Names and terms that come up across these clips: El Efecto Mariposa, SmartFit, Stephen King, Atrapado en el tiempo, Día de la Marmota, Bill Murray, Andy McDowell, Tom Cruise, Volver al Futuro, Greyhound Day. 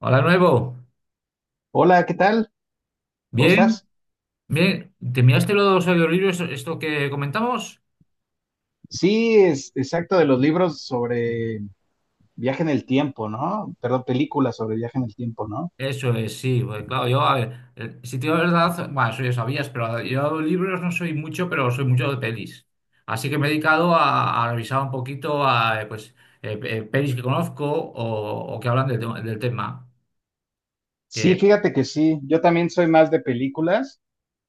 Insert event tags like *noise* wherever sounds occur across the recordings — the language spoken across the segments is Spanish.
Hola, nuevo. Hola, ¿qué tal? ¿Cómo Bien, estás? bien. ¿Te miraste los audiolibros, esto que comentamos? Sí, es exacto de los libros sobre viaje en el tiempo, ¿no? Perdón, películas sobre viaje en el tiempo, ¿no? Eso es, sí. Claro, yo, a ver, si te digo la verdad, bueno, eso ya sabías, pero yo libros no soy mucho, pero soy mucho de pelis. Así que me he dedicado a revisar un poquito a, pelis que conozco o, que hablan del tema. Sí, Que fíjate que sí, yo también soy más de películas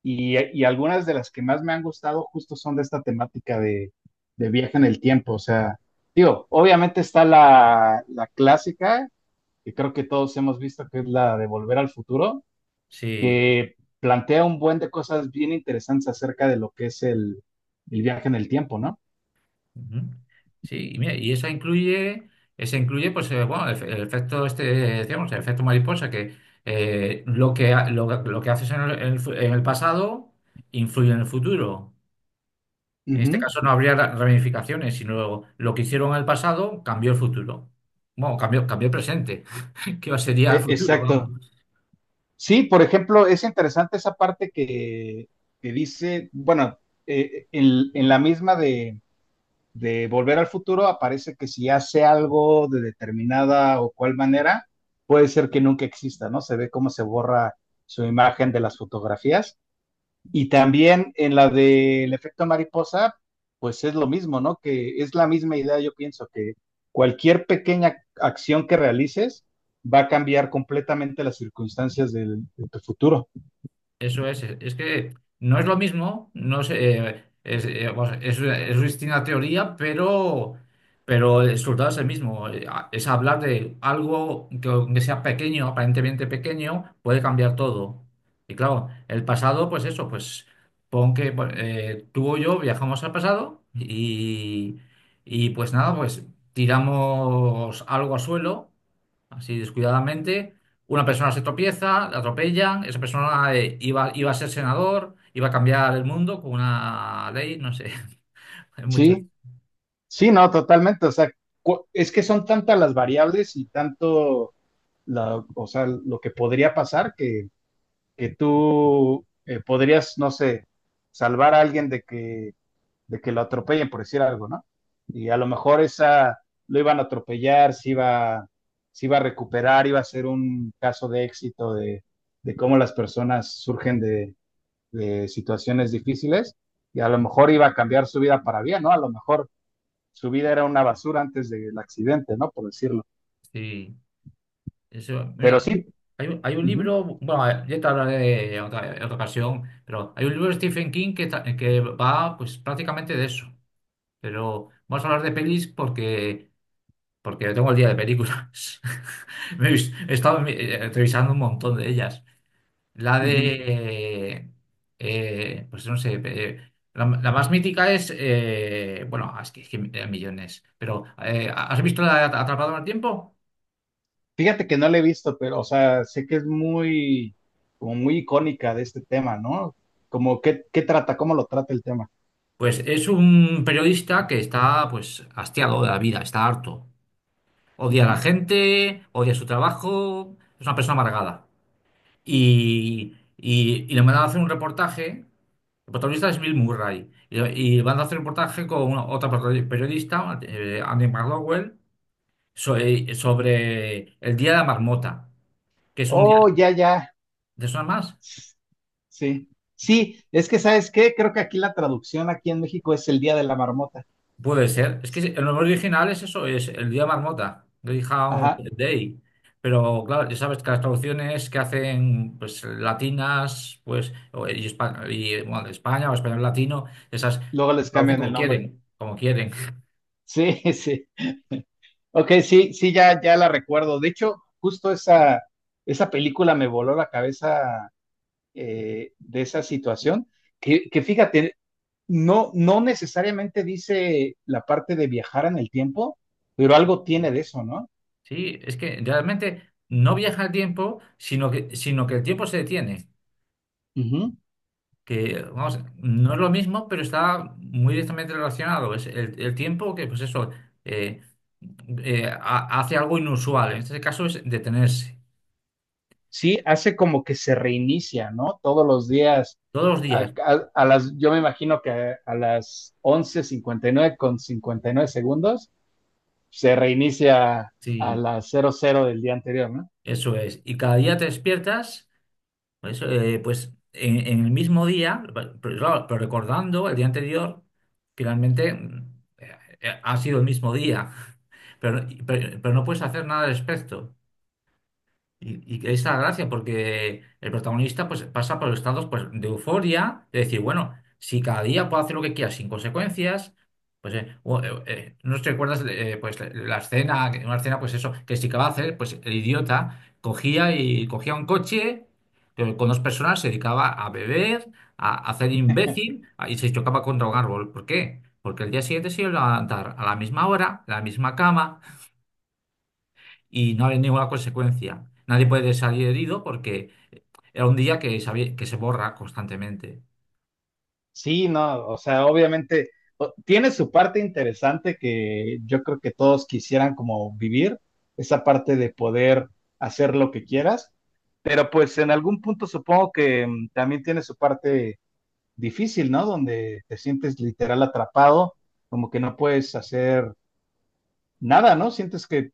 y algunas de las que más me han gustado justo son de esta temática de viaje en el tiempo, o sea, digo, obviamente está la clásica, que creo que todos hemos visto, que es la de Volver al Futuro, sí. que plantea un buen de cosas bien interesantes acerca de lo que es el viaje en el tiempo, ¿no? Ujú. Sí, y mira, esa incluye, el efecto este, decíamos, el efecto mariposa, que lo que haces en el, en en el pasado influye en el futuro. En este Ujú. caso no habría ramificaciones, sino lo que hicieron en el pasado cambió el futuro. Bueno, cambió el presente, *laughs* que sería el futuro. Exacto. Sí, por ejemplo, es interesante esa parte que dice, bueno, en la misma de Volver al Futuro aparece que si hace algo de determinada o cual manera, puede ser que nunca exista, ¿no? Se ve cómo se borra su imagen de las fotografías. Y también en la del efecto mariposa, pues es lo mismo, ¿no? Que es la misma idea, yo pienso, que cualquier pequeña acción que realices va a cambiar completamente las circunstancias del, de tu futuro. Eso es, es que no es lo mismo, no sé, vamos, es distinta teoría, pero el resultado es el mismo. Es hablar de algo que aunque sea pequeño, aparentemente pequeño, puede cambiar todo. Y claro, el pasado, pues eso, pues pon que bueno, tú o yo viajamos al pasado y pues nada, pues tiramos algo al suelo, así descuidadamente. Una persona se tropieza, la atropellan, esa persona iba a ser senador, iba a cambiar el mundo con una ley, no sé, *laughs* hay muchas. Sí, sí, no, totalmente. O sea, es que son tantas las variables y tanto, la, o sea, lo que podría pasar que tú podrías, no sé, salvar a alguien de que lo atropellen, por decir algo, ¿no? Y a lo mejor esa lo iban a atropellar, se iba a recuperar, iba a ser un caso de éxito de cómo las personas surgen de situaciones difíciles y a lo mejor iba a cambiar su vida para bien, ¿no? A lo mejor su vida era una basura antes del accidente, ¿no? Por decirlo. Sí, eso, Pero mira, sí, hay un ujú, libro, ya te hablaré en otra ocasión, pero hay un libro de Stephen King que va pues prácticamente de eso. Pero vamos a hablar de pelis porque, porque tengo el día de películas. *laughs* He estado revisando un montón de ellas. La ujú. de, pues no sé, la, la más mítica es, es que hay millones, pero ¿has visto la de Atrapado en el tiempo? Fíjate que no la he visto, pero, o sea, sé que es muy, como muy icónica de este tema, ¿no? Como qué, qué trata, cómo lo trata el tema. Pues es un periodista que está pues hastiado de la vida, está harto. Odia a la gente, odia su trabajo, es una persona amargada. Y le mandan a hacer un reportaje. El protagonista es Bill Murray, y van a hacer un reportaje con otra periodista, Andy McDowell, sobre el Día de la Marmota, que es un día... Oh, ya, ya. ¿Te suena más? Sí. Sí, es que ¿sabes qué? Creo que aquí la traducción aquí en México es el Día de la Marmota. Puede ser. Es que el nombre original es eso, es el Día de la Marmota, Greyhound Ajá. Day. Pero claro, ya sabes que las traducciones que hacen pues latinas, bueno, de España o español latino, esas Luego les traducen cambian como el nombre. quieren, como quieren. Sí, *laughs* sí. Ok, sí, sí, ya, ya la recuerdo. De hecho, justo esa, esa película me voló la cabeza de esa situación. Que fíjate, no, no necesariamente dice la parte de viajar en el tiempo, pero algo tiene de eso, ¿no? Sí, es que realmente no viaja el tiempo, sino que el tiempo se detiene. Ujú. Que, vamos, no es lo mismo, pero está muy directamente relacionado. Es el tiempo que, pues eso, eh, hace algo inusual. En este caso es detenerse. Sí, hace como que se reinicia, ¿no? Todos los días, Todos los a, días, a las, yo me imagino que a las 11:59:59, se reinicia a sí, las 00:00 del día anterior, ¿no? eso es. Y cada día te despiertas, pues, en el mismo día, pero, claro, pero recordando el día anterior, que realmente ha sido el mismo día, pero, pero no puedes hacer nada al respecto. Y ahí la gracia, porque el protagonista pues, pasa por estados pues, de euforia, de decir, bueno, si cada día puedo hacer lo que quiera sin consecuencias, no te recuerdas pues, la escena, una escena, pues eso, que si acaba de hacer, pues el idiota cogía un coche con dos personas, se dedicaba a beber, a hacer imbécil y se chocaba contra un árbol. ¿Por qué? Porque el día siguiente se iba a levantar a la misma hora, a la misma cama y no hay ninguna consecuencia. Nadie puede salir herido porque era un día que se borra constantemente. Sí, no, o sea, obviamente tiene su parte interesante que yo creo que todos quisieran como vivir, esa parte de poder hacer lo que quieras, pero pues en algún punto supongo que también tiene su parte difícil, ¿no? Donde te sientes literal atrapado, como que no puedes hacer nada, ¿no? Sientes que...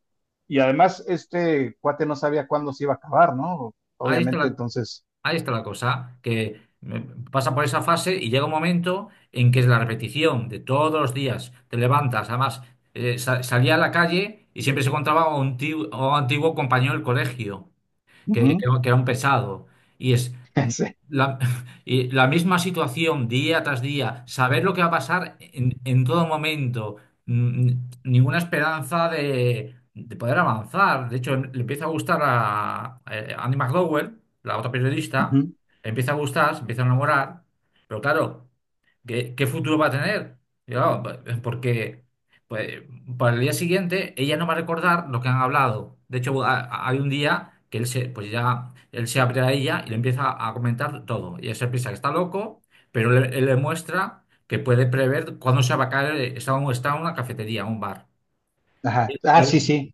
Y además este cuate no sabía cuándo se iba a acabar, ¿no? Ahí está Obviamente, la, entonces... Ahí está la cosa, pasa por esa fase y llega un momento en que es la repetición de todos los días. Te levantas, además, salía a la calle y siempre se encontraba a un tío, a un antiguo compañero del colegio. que, que ujú, que era un pesado. Y es *laughs* sí, la, *laughs* y la misma situación día tras día, saber lo que va a pasar en todo momento, mm, ninguna esperanza de poder avanzar. De hecho, le empieza a gustar a, Andy McDowell, la otra periodista, ujú, le empieza a gustar, se empieza a enamorar, pero claro. ¿Qué, qué futuro va a tener? Yo, porque pues, para el día siguiente ella no va a recordar lo que han hablado. De hecho, hay un día que él se, pues ya, él se abre a ella y le empieza a comentar todo. Y ella se piensa que está loco, pero él le muestra que puede prever cuándo se va a caer, está, está en una cafetería, un bar. Y ajá. y Ah, sí, él, sí,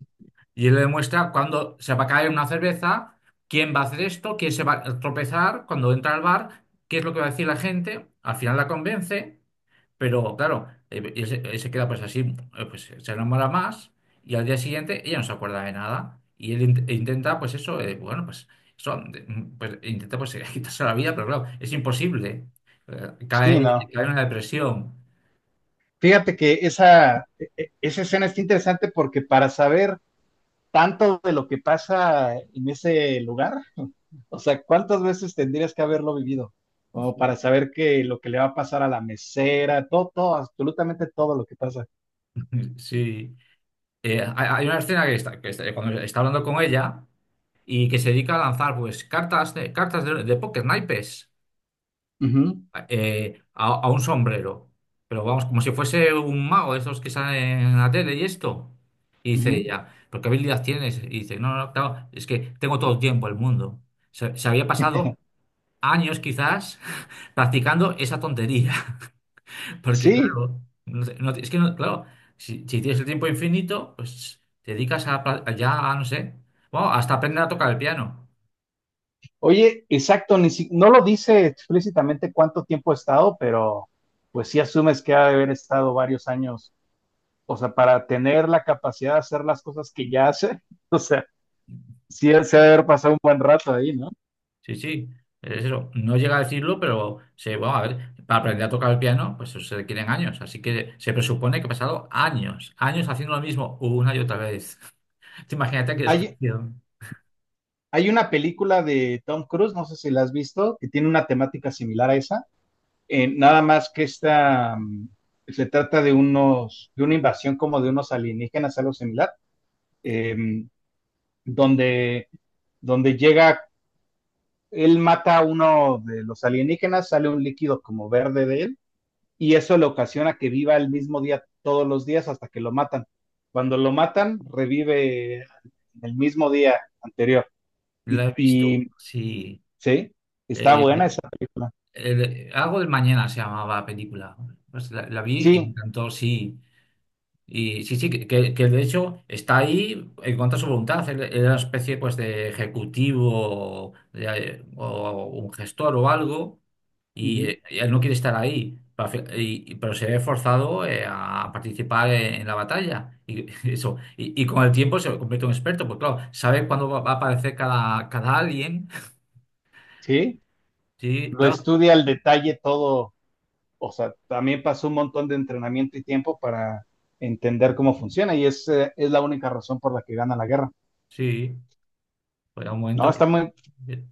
y él le muestra cuándo se va a caer una cerveza, quién va a hacer esto, quién se va a tropezar cuando entra al bar, qué es lo que va a decir la gente. Al final la convence. Pero claro, él se queda pues así, pues se enamora más y al día siguiente ella no se acuerda de nada y él int- e intenta pues eso, pues intenta *laughs* quitarse la vida, pero claro, es imposible. Eh, sí, cae, no. Cae en una depresión. Fíjate que esa, esa escena está interesante porque para saber tanto de lo que pasa en ese lugar? O sea, ¿cuántas veces tendrías que haberlo vivido? Como para saber que lo que le va a pasar a la mesera, todo, todo, absolutamente todo lo que pasa. *laughs* Sí. Hay una escena que cuando está hablando con ella y que se dedica a lanzar pues cartas de póker, naipes. Ujú, A un sombrero. Pero vamos, como si fuese un mago, esos que salen en la tele y esto. Y dice ujú. ella, ¿pero qué habilidad tienes? Y dice, no, no, claro, es que tengo todo el tiempo del mundo. Se había pasado *laughs* años quizás *laughs* practicando esa tontería. *laughs* Porque Sí, claro, no te- no te- es que no- claro, si tienes el tiempo infinito, pues te dedicas a no sé, bueno, hasta aprender a tocar el piano. oye, exacto, ni si- no lo dice explícitamente cuánto tiempo ha estado, pero pues sí asumes que ha de haber estado varios años, o sea, para tener la capacidad de hacer las cosas que ya hace, *laughs* o sea, sí se ha de haber pasado un buen rato ahí, ¿no? Sí, sí, es eso. No llega a decirlo, pero se, bueno, a ver, para aprender a tocar el piano, pues eso se requieren años. Así que se presupone que he pasado años, años haciendo lo mismo una y otra vez. *laughs* Te imagínate qué Hay, expresión. Hay una película de Tom Cruise, no sé si la has visto, que tiene una temática similar a esa. Nada más que esta se trata de unos, de una invasión como de unos alienígenas, algo similar, eh, donde, donde llega, él mata a uno de los alienígenas, sale un líquido como verde de él, y eso le ocasiona que viva el mismo día todos los días hasta que lo matan. Cuando lo matan, revive el mismo día anterior. La he visto, Y sí. sí, está buena Eh, esa película. Algo del mañana se llamaba la película. Pues la vi y me Sí, encantó, sí. Y sí, sí, que de hecho está ahí en contra de su voluntad. Él era una especie pues de ejecutivo o un gestor o algo ujú, y él no quiere estar ahí. Pero se ve forzado a participar en la batalla. Y, *laughs* eso. Y con el tiempo se convierte en un experto, pues claro, sabe cuándo va a aparecer cada, cada alien. sí, Sí, lo claro, estudia al detalle todo, o sea, también pasó un montón de entrenamiento y tiempo para entender cómo funciona y es la única razón por la que gana la guerra. sí. Pues un No, momento. está muy... Eh,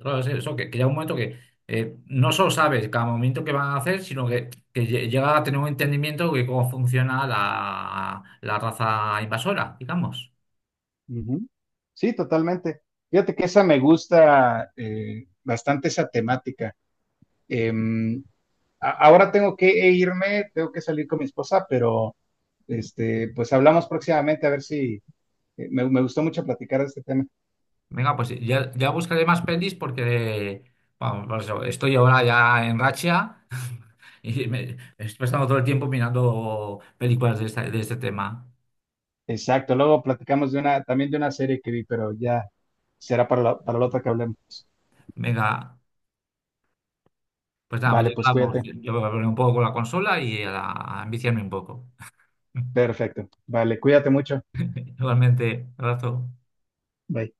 claro, es eso, que llega un momento que no solo sabes cada momento que van a hacer, sino que, llega a tener un entendimiento de cómo funciona la, la raza invasora, digamos. Ujú, sí, totalmente. Fíjate que esa me gusta bastante esa temática. Em, ahora tengo que irme, tengo que salir con mi esposa, pero este, pues hablamos próximamente a ver si me gustó mucho platicar de este tema. Venga, pues ya, ya buscaré más pelis porque vamos, por eso, estoy ahora ya en racha *laughs* y me estoy pasando todo el tiempo mirando películas de, de este tema. Exacto, luego platicamos de una, también de una serie que vi, pero ya será para la otra que hablemos. Venga, pues nada, pues Vale, ya pues hablamos. cuídate. Yo voy a poner un poco con la consola y a enviciarme un poco. *laughs* Perfecto. Vale, cuídate mucho. Igualmente, abrazo. Bye.